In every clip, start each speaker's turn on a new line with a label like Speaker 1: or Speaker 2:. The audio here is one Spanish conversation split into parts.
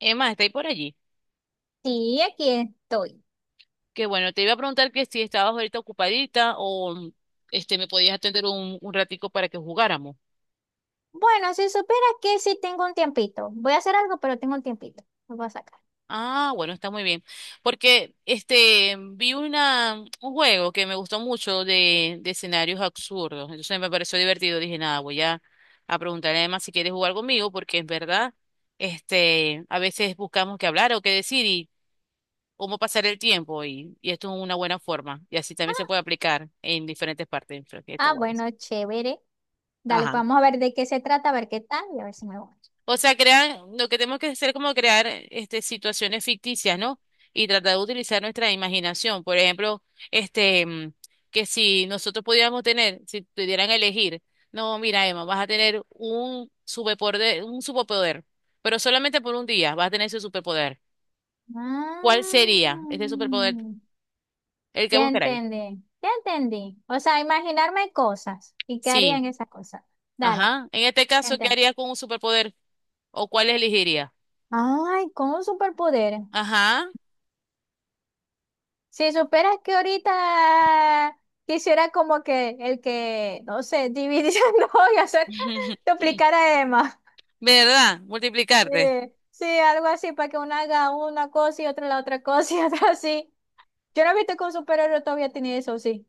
Speaker 1: Emma, está ahí por allí.
Speaker 2: Sí, aquí estoy.
Speaker 1: Que bueno, te iba a preguntar que si estabas ahorita ocupadita o me podías atender un ratico para que jugáramos.
Speaker 2: Bueno, si supieras que sí tengo un tiempito. Voy a hacer algo, pero tengo un tiempito. Lo voy a sacar.
Speaker 1: Ah, bueno, está muy bien. Porque vi una un juego que me gustó mucho de escenarios absurdos. Entonces me pareció divertido. Dije, nada, a preguntarle a Emma si quiere jugar conmigo, porque en verdad, a veces buscamos qué hablar o qué decir y cómo pasar el tiempo. Y esto es una buena forma. Y así también se
Speaker 2: Ah,
Speaker 1: puede aplicar en diferentes partes. Pero que está guay.
Speaker 2: bueno, chévere. Dale, pues
Speaker 1: Ajá.
Speaker 2: vamos a ver de qué se trata, a ver qué tal y a ver si me voy.
Speaker 1: O sea, crean, lo que tenemos que hacer es como crear situaciones ficticias, ¿no? Y tratar de utilizar nuestra imaginación. Por ejemplo, este, mm, que si nosotros pudiéramos tener, si pudieran elegir, no, mira, Emma, vas a tener un superpoder, pero solamente por un día vas a tener ese superpoder. ¿Cuál sería este
Speaker 2: Ah,
Speaker 1: superpoder? El que buscaráis.
Speaker 2: ya entendí. O sea, imaginarme cosas y qué
Speaker 1: Sí,
Speaker 2: harían esas cosas. Dale,
Speaker 1: ajá. En este
Speaker 2: ya
Speaker 1: caso, ¿qué
Speaker 2: entendí.
Speaker 1: harías con un superpoder? ¿O cuál elegiría?
Speaker 2: Ay, con un superpoder.
Speaker 1: Ajá.
Speaker 2: Si superas que ahorita quisiera como que el que, no sé, dividiendo y hacer, duplicara más.
Speaker 1: ¿Verdad?
Speaker 2: Sí,
Speaker 1: Multiplicarte.
Speaker 2: sí, algo así, para que uno haga una cosa y otra la otra cosa y otra así. Yo no he visto que un superhéroe todavía tiene eso, sí.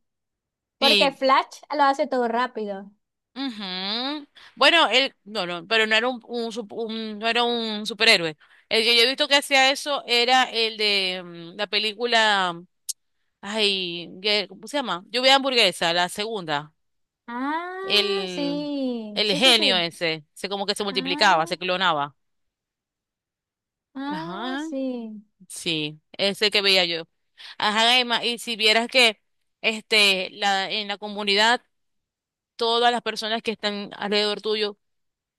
Speaker 2: Porque
Speaker 1: Sí,
Speaker 2: Flash lo hace todo rápido.
Speaker 1: ujú. Bueno, él, no, no, pero no era no era un superhéroe. El que yo he visto que hacía eso era el de la película, ay, ¿cómo se llama? Lluvia de hamburguesa, la segunda.
Speaker 2: Ah,
Speaker 1: El,
Speaker 2: sí,
Speaker 1: el
Speaker 2: sí, sí,
Speaker 1: genio
Speaker 2: sí.
Speaker 1: ese, se como que se multiplicaba,
Speaker 2: Ah,
Speaker 1: se clonaba. Ajá,
Speaker 2: sí.
Speaker 1: sí, ese que veía yo. Ajá, Emma, y si vieras que en la comunidad, todas las personas que están alrededor tuyo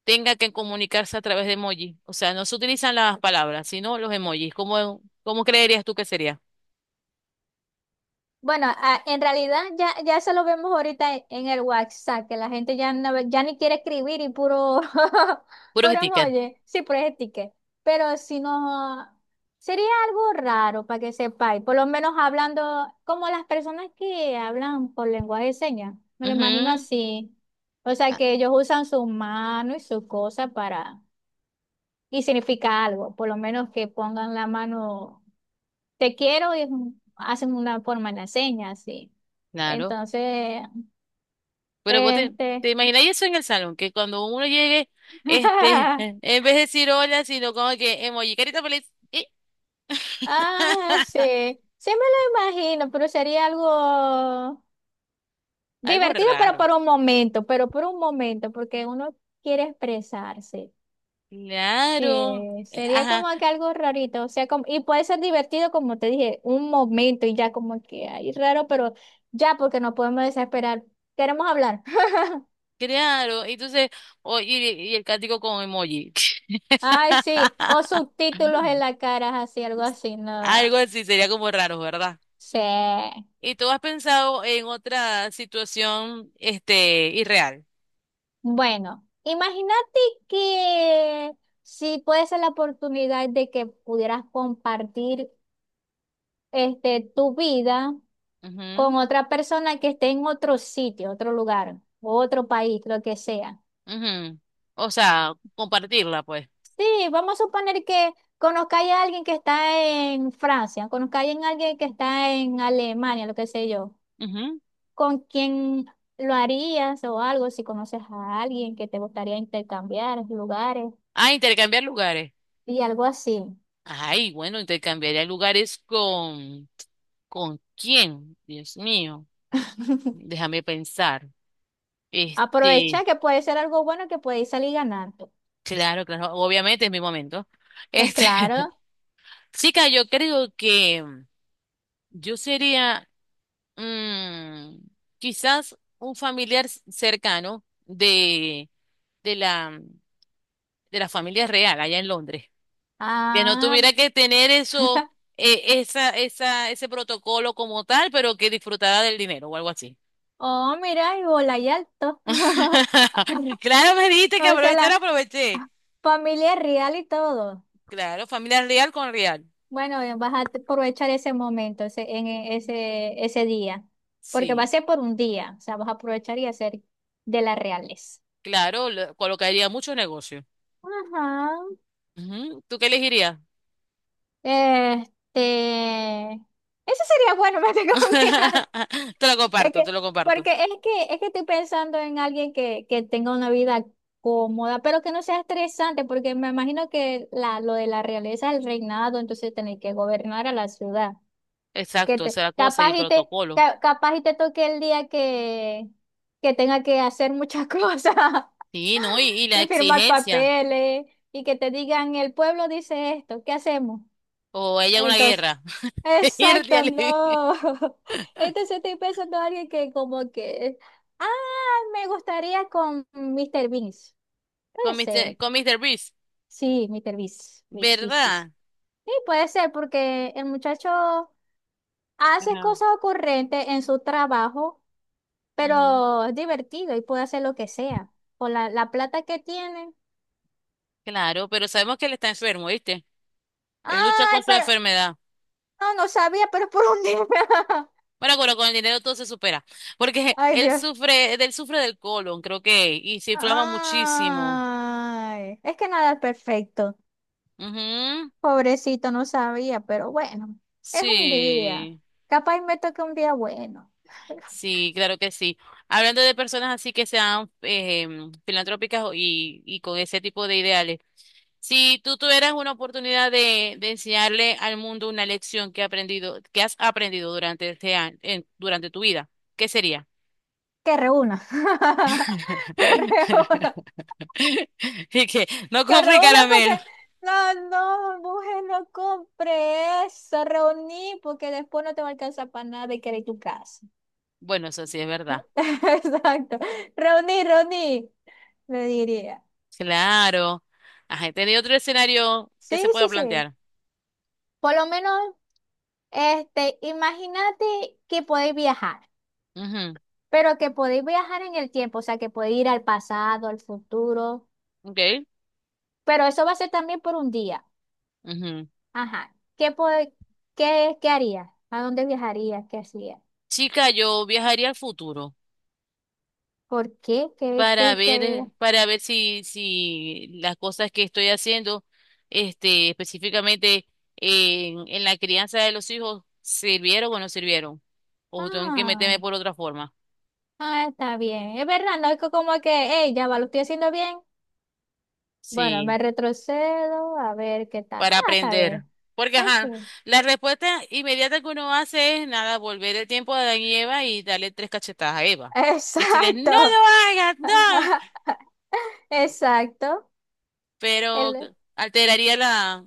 Speaker 1: tenga que comunicarse a través de emoji. O sea, no se utilizan las palabras, sino los emojis. ¿Cómo creerías tú que sería?
Speaker 2: Bueno, en realidad ya eso lo vemos ahorita en el WhatsApp, que la gente ya, no, ya ni quiere escribir y puro,
Speaker 1: Puros
Speaker 2: puro
Speaker 1: stickers.
Speaker 2: emoji, sí, puro sticker. Pero si no, sería algo raro para que sepáis, por lo menos hablando como las personas que hablan por lenguaje de señas, me lo imagino
Speaker 1: Ujú,
Speaker 2: así. O sea,
Speaker 1: ah,
Speaker 2: que ellos usan su mano y su cosa para, y significa algo, por lo menos que pongan la mano te quiero y es hacen una forma en la seña, así.
Speaker 1: claro.
Speaker 2: Entonces,
Speaker 1: Pero vos te, te
Speaker 2: este,
Speaker 1: imagináis eso en el salón, que cuando uno llegue, en vez de decir hola, sino como que emoji, carita feliz. Y
Speaker 2: ah, sí, sí me lo imagino, pero sería algo
Speaker 1: algo
Speaker 2: divertido, pero
Speaker 1: raro.
Speaker 2: por un momento, pero por un momento, porque uno quiere expresarse.
Speaker 1: Claro.
Speaker 2: Sí, sería
Speaker 1: Ajá,
Speaker 2: como que algo rarito, o sea, como, y puede ser divertido, como te dije, un momento y ya como que ahí raro, pero ya porque no podemos desesperar. Queremos hablar.
Speaker 1: claro. Entonces, oye, y el cántico con emoji.
Speaker 2: Ay, sí, o subtítulos en la cara, así, algo así,
Speaker 1: Algo
Speaker 2: no.
Speaker 1: así sería como raro, ¿verdad?
Speaker 2: Sí.
Speaker 1: ¿Y tú has pensado en otra situación, irreal?
Speaker 2: Bueno, imagínate que si puede ser la oportunidad de que pudieras compartir tu vida con
Speaker 1: Ujú,
Speaker 2: otra persona que esté en otro sitio, otro lugar, otro país, lo que sea.
Speaker 1: ujú. O sea, compartirla, pues.
Speaker 2: Sí, vamos a suponer que conozcáis a alguien que está en Francia, conozcáis a alguien que está en Alemania, lo que sé yo.
Speaker 1: Ujú.
Speaker 2: ¿Con quién lo harías o algo? Si conoces a alguien que te gustaría intercambiar lugares
Speaker 1: Ah, intercambiar lugares.
Speaker 2: y algo así.
Speaker 1: Ay, bueno, intercambiaría lugares con... ¿Con quién? Dios mío, déjame pensar. Este,
Speaker 2: Aprovecha que puede ser algo bueno que puede salir ganando.
Speaker 1: claro, claro, obviamente es mi momento.
Speaker 2: Es
Speaker 1: Este,
Speaker 2: claro.
Speaker 1: chica, yo creo que yo sería mm, quizás un familiar cercano de la, de la familia real allá en Londres, que no
Speaker 2: Ah,
Speaker 1: tuviera que tener eso, ese protocolo como tal, pero que disfrutara del dinero o algo así.
Speaker 2: oh, mira, y bola y alto.
Speaker 1: Claro, me dijiste que
Speaker 2: O sea,
Speaker 1: aprovechar,
Speaker 2: la
Speaker 1: aproveché.
Speaker 2: familia es real y todo.
Speaker 1: Claro, familia real con real.
Speaker 2: Bueno, vas a aprovechar ese momento, ese, ese, ese día, porque va a
Speaker 1: Sí,
Speaker 2: ser por un día, o sea, vas a aprovechar y hacer de las reales.
Speaker 1: claro, colocaría mucho negocio.
Speaker 2: Ajá.
Speaker 1: Ujú. ¿Tú qué elegirías?
Speaker 2: Este, eso sería bueno, me tengo que
Speaker 1: Te lo
Speaker 2: es
Speaker 1: comparto,
Speaker 2: que,
Speaker 1: te lo comparto.
Speaker 2: porque es que estoy pensando en alguien que tenga una vida cómoda, pero que no sea estresante, porque me imagino que la, lo de la realeza es el reinado, entonces tener que gobernar a la ciudad. Que
Speaker 1: Exacto,
Speaker 2: te,
Speaker 1: esa es la cosa y el
Speaker 2: capaz y te,
Speaker 1: protocolo.
Speaker 2: capaz y te toque el día que tenga que hacer muchas cosas
Speaker 1: Sí, ¿no? Y la
Speaker 2: y firmar
Speaker 1: exigencia.
Speaker 2: papeles y que te digan, el pueblo dice esto, ¿qué hacemos?
Speaker 1: O ella una
Speaker 2: Entonces,
Speaker 1: guerra. Irte,
Speaker 2: exacto,
Speaker 1: Ale.
Speaker 2: no. Entonces estoy pensando en alguien que como que, ah, me gustaría con Mr. Beast. Puede
Speaker 1: Con
Speaker 2: ser.
Speaker 1: Mister, con Mister Beast,
Speaker 2: Sí, Mr. Beast.
Speaker 1: ¿verdad?
Speaker 2: Sí, puede ser porque el muchacho hace
Speaker 1: Ajá,
Speaker 2: cosas ocurrentes en su trabajo,
Speaker 1: ujú.
Speaker 2: pero es divertido y puede hacer lo que sea. Con la plata que tiene.
Speaker 1: Claro, pero sabemos que él está enfermo, ¿viste? Él lucha
Speaker 2: Ay,
Speaker 1: con su
Speaker 2: pero
Speaker 1: enfermedad.
Speaker 2: no, no sabía, pero es por un día.
Speaker 1: Bueno, bueno, con el dinero todo se supera. Porque
Speaker 2: Ay, dios.
Speaker 1: él sufre del colon, creo que, y se inflama muchísimo.
Speaker 2: Ay, es que nada es perfecto.
Speaker 1: Ujú.
Speaker 2: Pobrecito, no sabía, pero bueno, es un día.
Speaker 1: Sí,
Speaker 2: Capaz me toca un día bueno.
Speaker 1: sí, claro que sí. Hablando de personas así que sean filantrópicas y con ese tipo de ideales. Si tú tuvieras una oportunidad de enseñarle al mundo una lección que has aprendido durante este año, durante tu vida, ¿qué sería?
Speaker 2: Que reúna. Que reúna.
Speaker 1: Y que no
Speaker 2: Que
Speaker 1: compre
Speaker 2: reúna
Speaker 1: caramelo.
Speaker 2: porque. No, no, mujer, no compre eso. Reuní porque después no te va a alcanzar para nada y querer tu casa.
Speaker 1: Bueno, eso sí es verdad.
Speaker 2: Exacto. Reuní, le diría.
Speaker 1: Claro. Ajá, ¿tenía otro escenario que
Speaker 2: Sí,
Speaker 1: se pueda
Speaker 2: sí, sí.
Speaker 1: plantear?
Speaker 2: Por lo menos. Imagínate que podéis viajar,
Speaker 1: Ujú,
Speaker 2: pero que podéis viajar en el tiempo, o sea, que podéis ir al pasado, al futuro,
Speaker 1: ok,
Speaker 2: pero eso va a ser también por un día.
Speaker 1: ujú.
Speaker 2: Ajá. Qué, ¿qué harías? ¿A dónde viajarías? ¿Qué hacías?
Speaker 1: Chica, yo viajaría al futuro.
Speaker 2: ¿Por qué? ¿Qué,
Speaker 1: Para
Speaker 2: qué,
Speaker 1: ver,
Speaker 2: qué?
Speaker 1: para ver si las cosas que estoy haciendo, específicamente en la crianza de los hijos, sirvieron o no sirvieron. O tengo que
Speaker 2: Ah,
Speaker 1: meterme por otra forma.
Speaker 2: está bien. Es verdad, no es como que, hey, ya va, lo estoy haciendo bien. Bueno, me
Speaker 1: Sí,
Speaker 2: retrocedo a ver qué tal.
Speaker 1: para
Speaker 2: Ah, está
Speaker 1: aprender.
Speaker 2: bien.
Speaker 1: Porque, ajá,
Speaker 2: Eso.
Speaker 1: la respuesta inmediata que uno hace es nada, volver el tiempo a Adán y Eva y darle tres cachetadas a Eva. Decirles, no lo
Speaker 2: Exacto.
Speaker 1: hagas, no.
Speaker 2: Exacto.
Speaker 1: Pero
Speaker 2: Él
Speaker 1: alteraría la,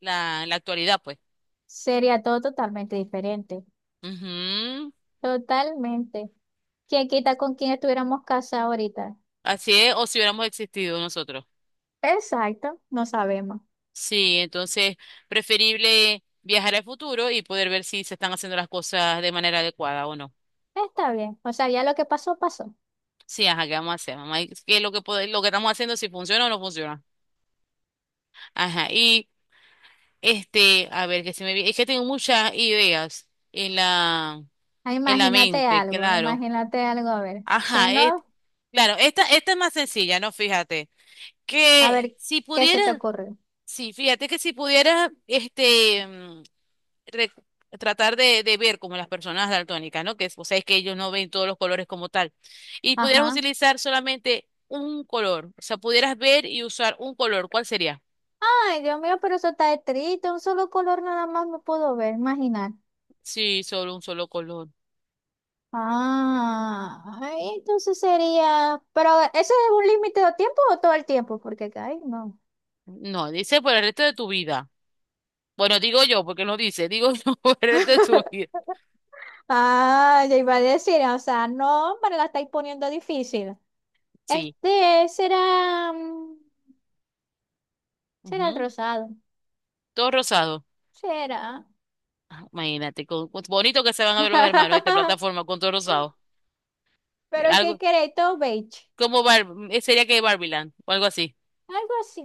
Speaker 1: la, la actualidad, pues.
Speaker 2: sería todo totalmente diferente.
Speaker 1: Ujú.
Speaker 2: Totalmente. ¿Quién quita con quién estuviéramos casados ahorita?
Speaker 1: Así es, o si hubiéramos existido nosotros.
Speaker 2: Exacto, no sabemos.
Speaker 1: Sí, entonces preferible viajar al futuro y poder ver si se están haciendo las cosas de manera adecuada o no.
Speaker 2: Está bien. O sea, ya lo que pasó, pasó.
Speaker 1: Sí, ajá, ¿qué vamos a hacer, mamá? ¿Y ¿qué es lo que lo que estamos haciendo, si funciona o no funciona? Ajá, y a ver, que se me es que tengo muchas ideas
Speaker 2: Ah,
Speaker 1: en la
Speaker 2: imagínate
Speaker 1: mente,
Speaker 2: algo,
Speaker 1: claro.
Speaker 2: imagínate algo, a ver. Si
Speaker 1: Ajá,
Speaker 2: no,
Speaker 1: claro, esta es más sencilla, ¿no? Fíjate,
Speaker 2: a
Speaker 1: que
Speaker 2: ver,
Speaker 1: si
Speaker 2: ¿qué se te
Speaker 1: pudiera,
Speaker 2: ocurre?
Speaker 1: sí, fíjate que si pudiera, re- tratar de ver como las personas daltónicas, ¿no? Que, es que ellos no ven todos los colores como tal. Y pudieras
Speaker 2: Ajá.
Speaker 1: utilizar solamente un color, o sea, pudieras ver y usar un color, ¿cuál sería?
Speaker 2: Ay, Dios mío, pero eso está triste. Un solo color nada más me puedo ver, imaginar.
Speaker 1: Sí, solo un solo color.
Speaker 2: Entonces sería. Pero, ¿eso es un límite de tiempo o todo el tiempo? Porque, ay, no.
Speaker 1: No, dice por el resto de tu vida. Bueno, digo yo, porque no dice, digo yo por el resto de tu vida.
Speaker 2: Ah, ya iba a decir, o sea, no, me la estáis poniendo difícil.
Speaker 1: Sí,
Speaker 2: Este será, mm, será el
Speaker 1: ujú.
Speaker 2: rosado,
Speaker 1: Todo rosado.
Speaker 2: será.
Speaker 1: Ah, imagínate, bonito que se van a ver los hermanos esta plataforma con todo rosado.
Speaker 2: Pero ¿qué
Speaker 1: Algo
Speaker 2: queréis? Todo beige,
Speaker 1: como sería que Barbieland o algo así.
Speaker 2: algo así.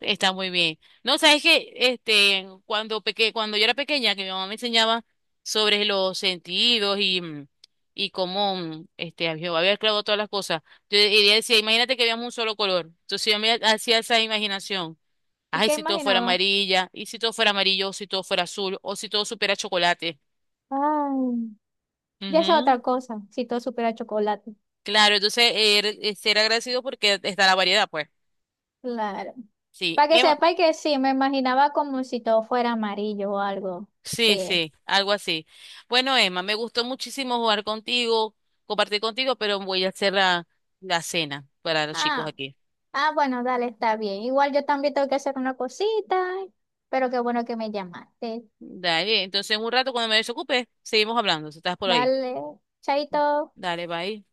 Speaker 1: Está muy bien. No, sabes que cuando cuando yo era pequeña, que mi mamá me enseñaba sobre los sentidos y, y cómo a Jehová había creado todas las cosas. Yo, y ella decía, imagínate que veamos un solo color. Entonces yo me hacía esa imaginación.
Speaker 2: ¿Y
Speaker 1: Ay,
Speaker 2: qué
Speaker 1: si todo fuera
Speaker 2: imaginaba?
Speaker 1: amarilla, y si todo fuera amarillo, o si todo fuera azul, o si todo supiera chocolate.
Speaker 2: Ay, ya es
Speaker 1: Ujú.
Speaker 2: otra cosa, si todo supiera chocolate.
Speaker 1: Claro, entonces era ser agradecido porque está la variedad, pues.
Speaker 2: Claro.
Speaker 1: Sí.
Speaker 2: Para que sepáis que sí, me imaginaba como si todo fuera amarillo o algo.
Speaker 1: Sí,
Speaker 2: Sí.
Speaker 1: sí, algo así. Bueno, Emma, me gustó muchísimo jugar contigo, compartir contigo, pero voy a hacer la cena para los chicos
Speaker 2: Ah.
Speaker 1: aquí.
Speaker 2: Ah, bueno, dale, está bien. Igual yo también tengo que hacer una cosita, pero qué bueno que me llamaste.
Speaker 1: Dale, entonces en un rato cuando me desocupe, seguimos hablando, si estás por ahí.
Speaker 2: Dale, chaito.
Speaker 1: Dale, bye.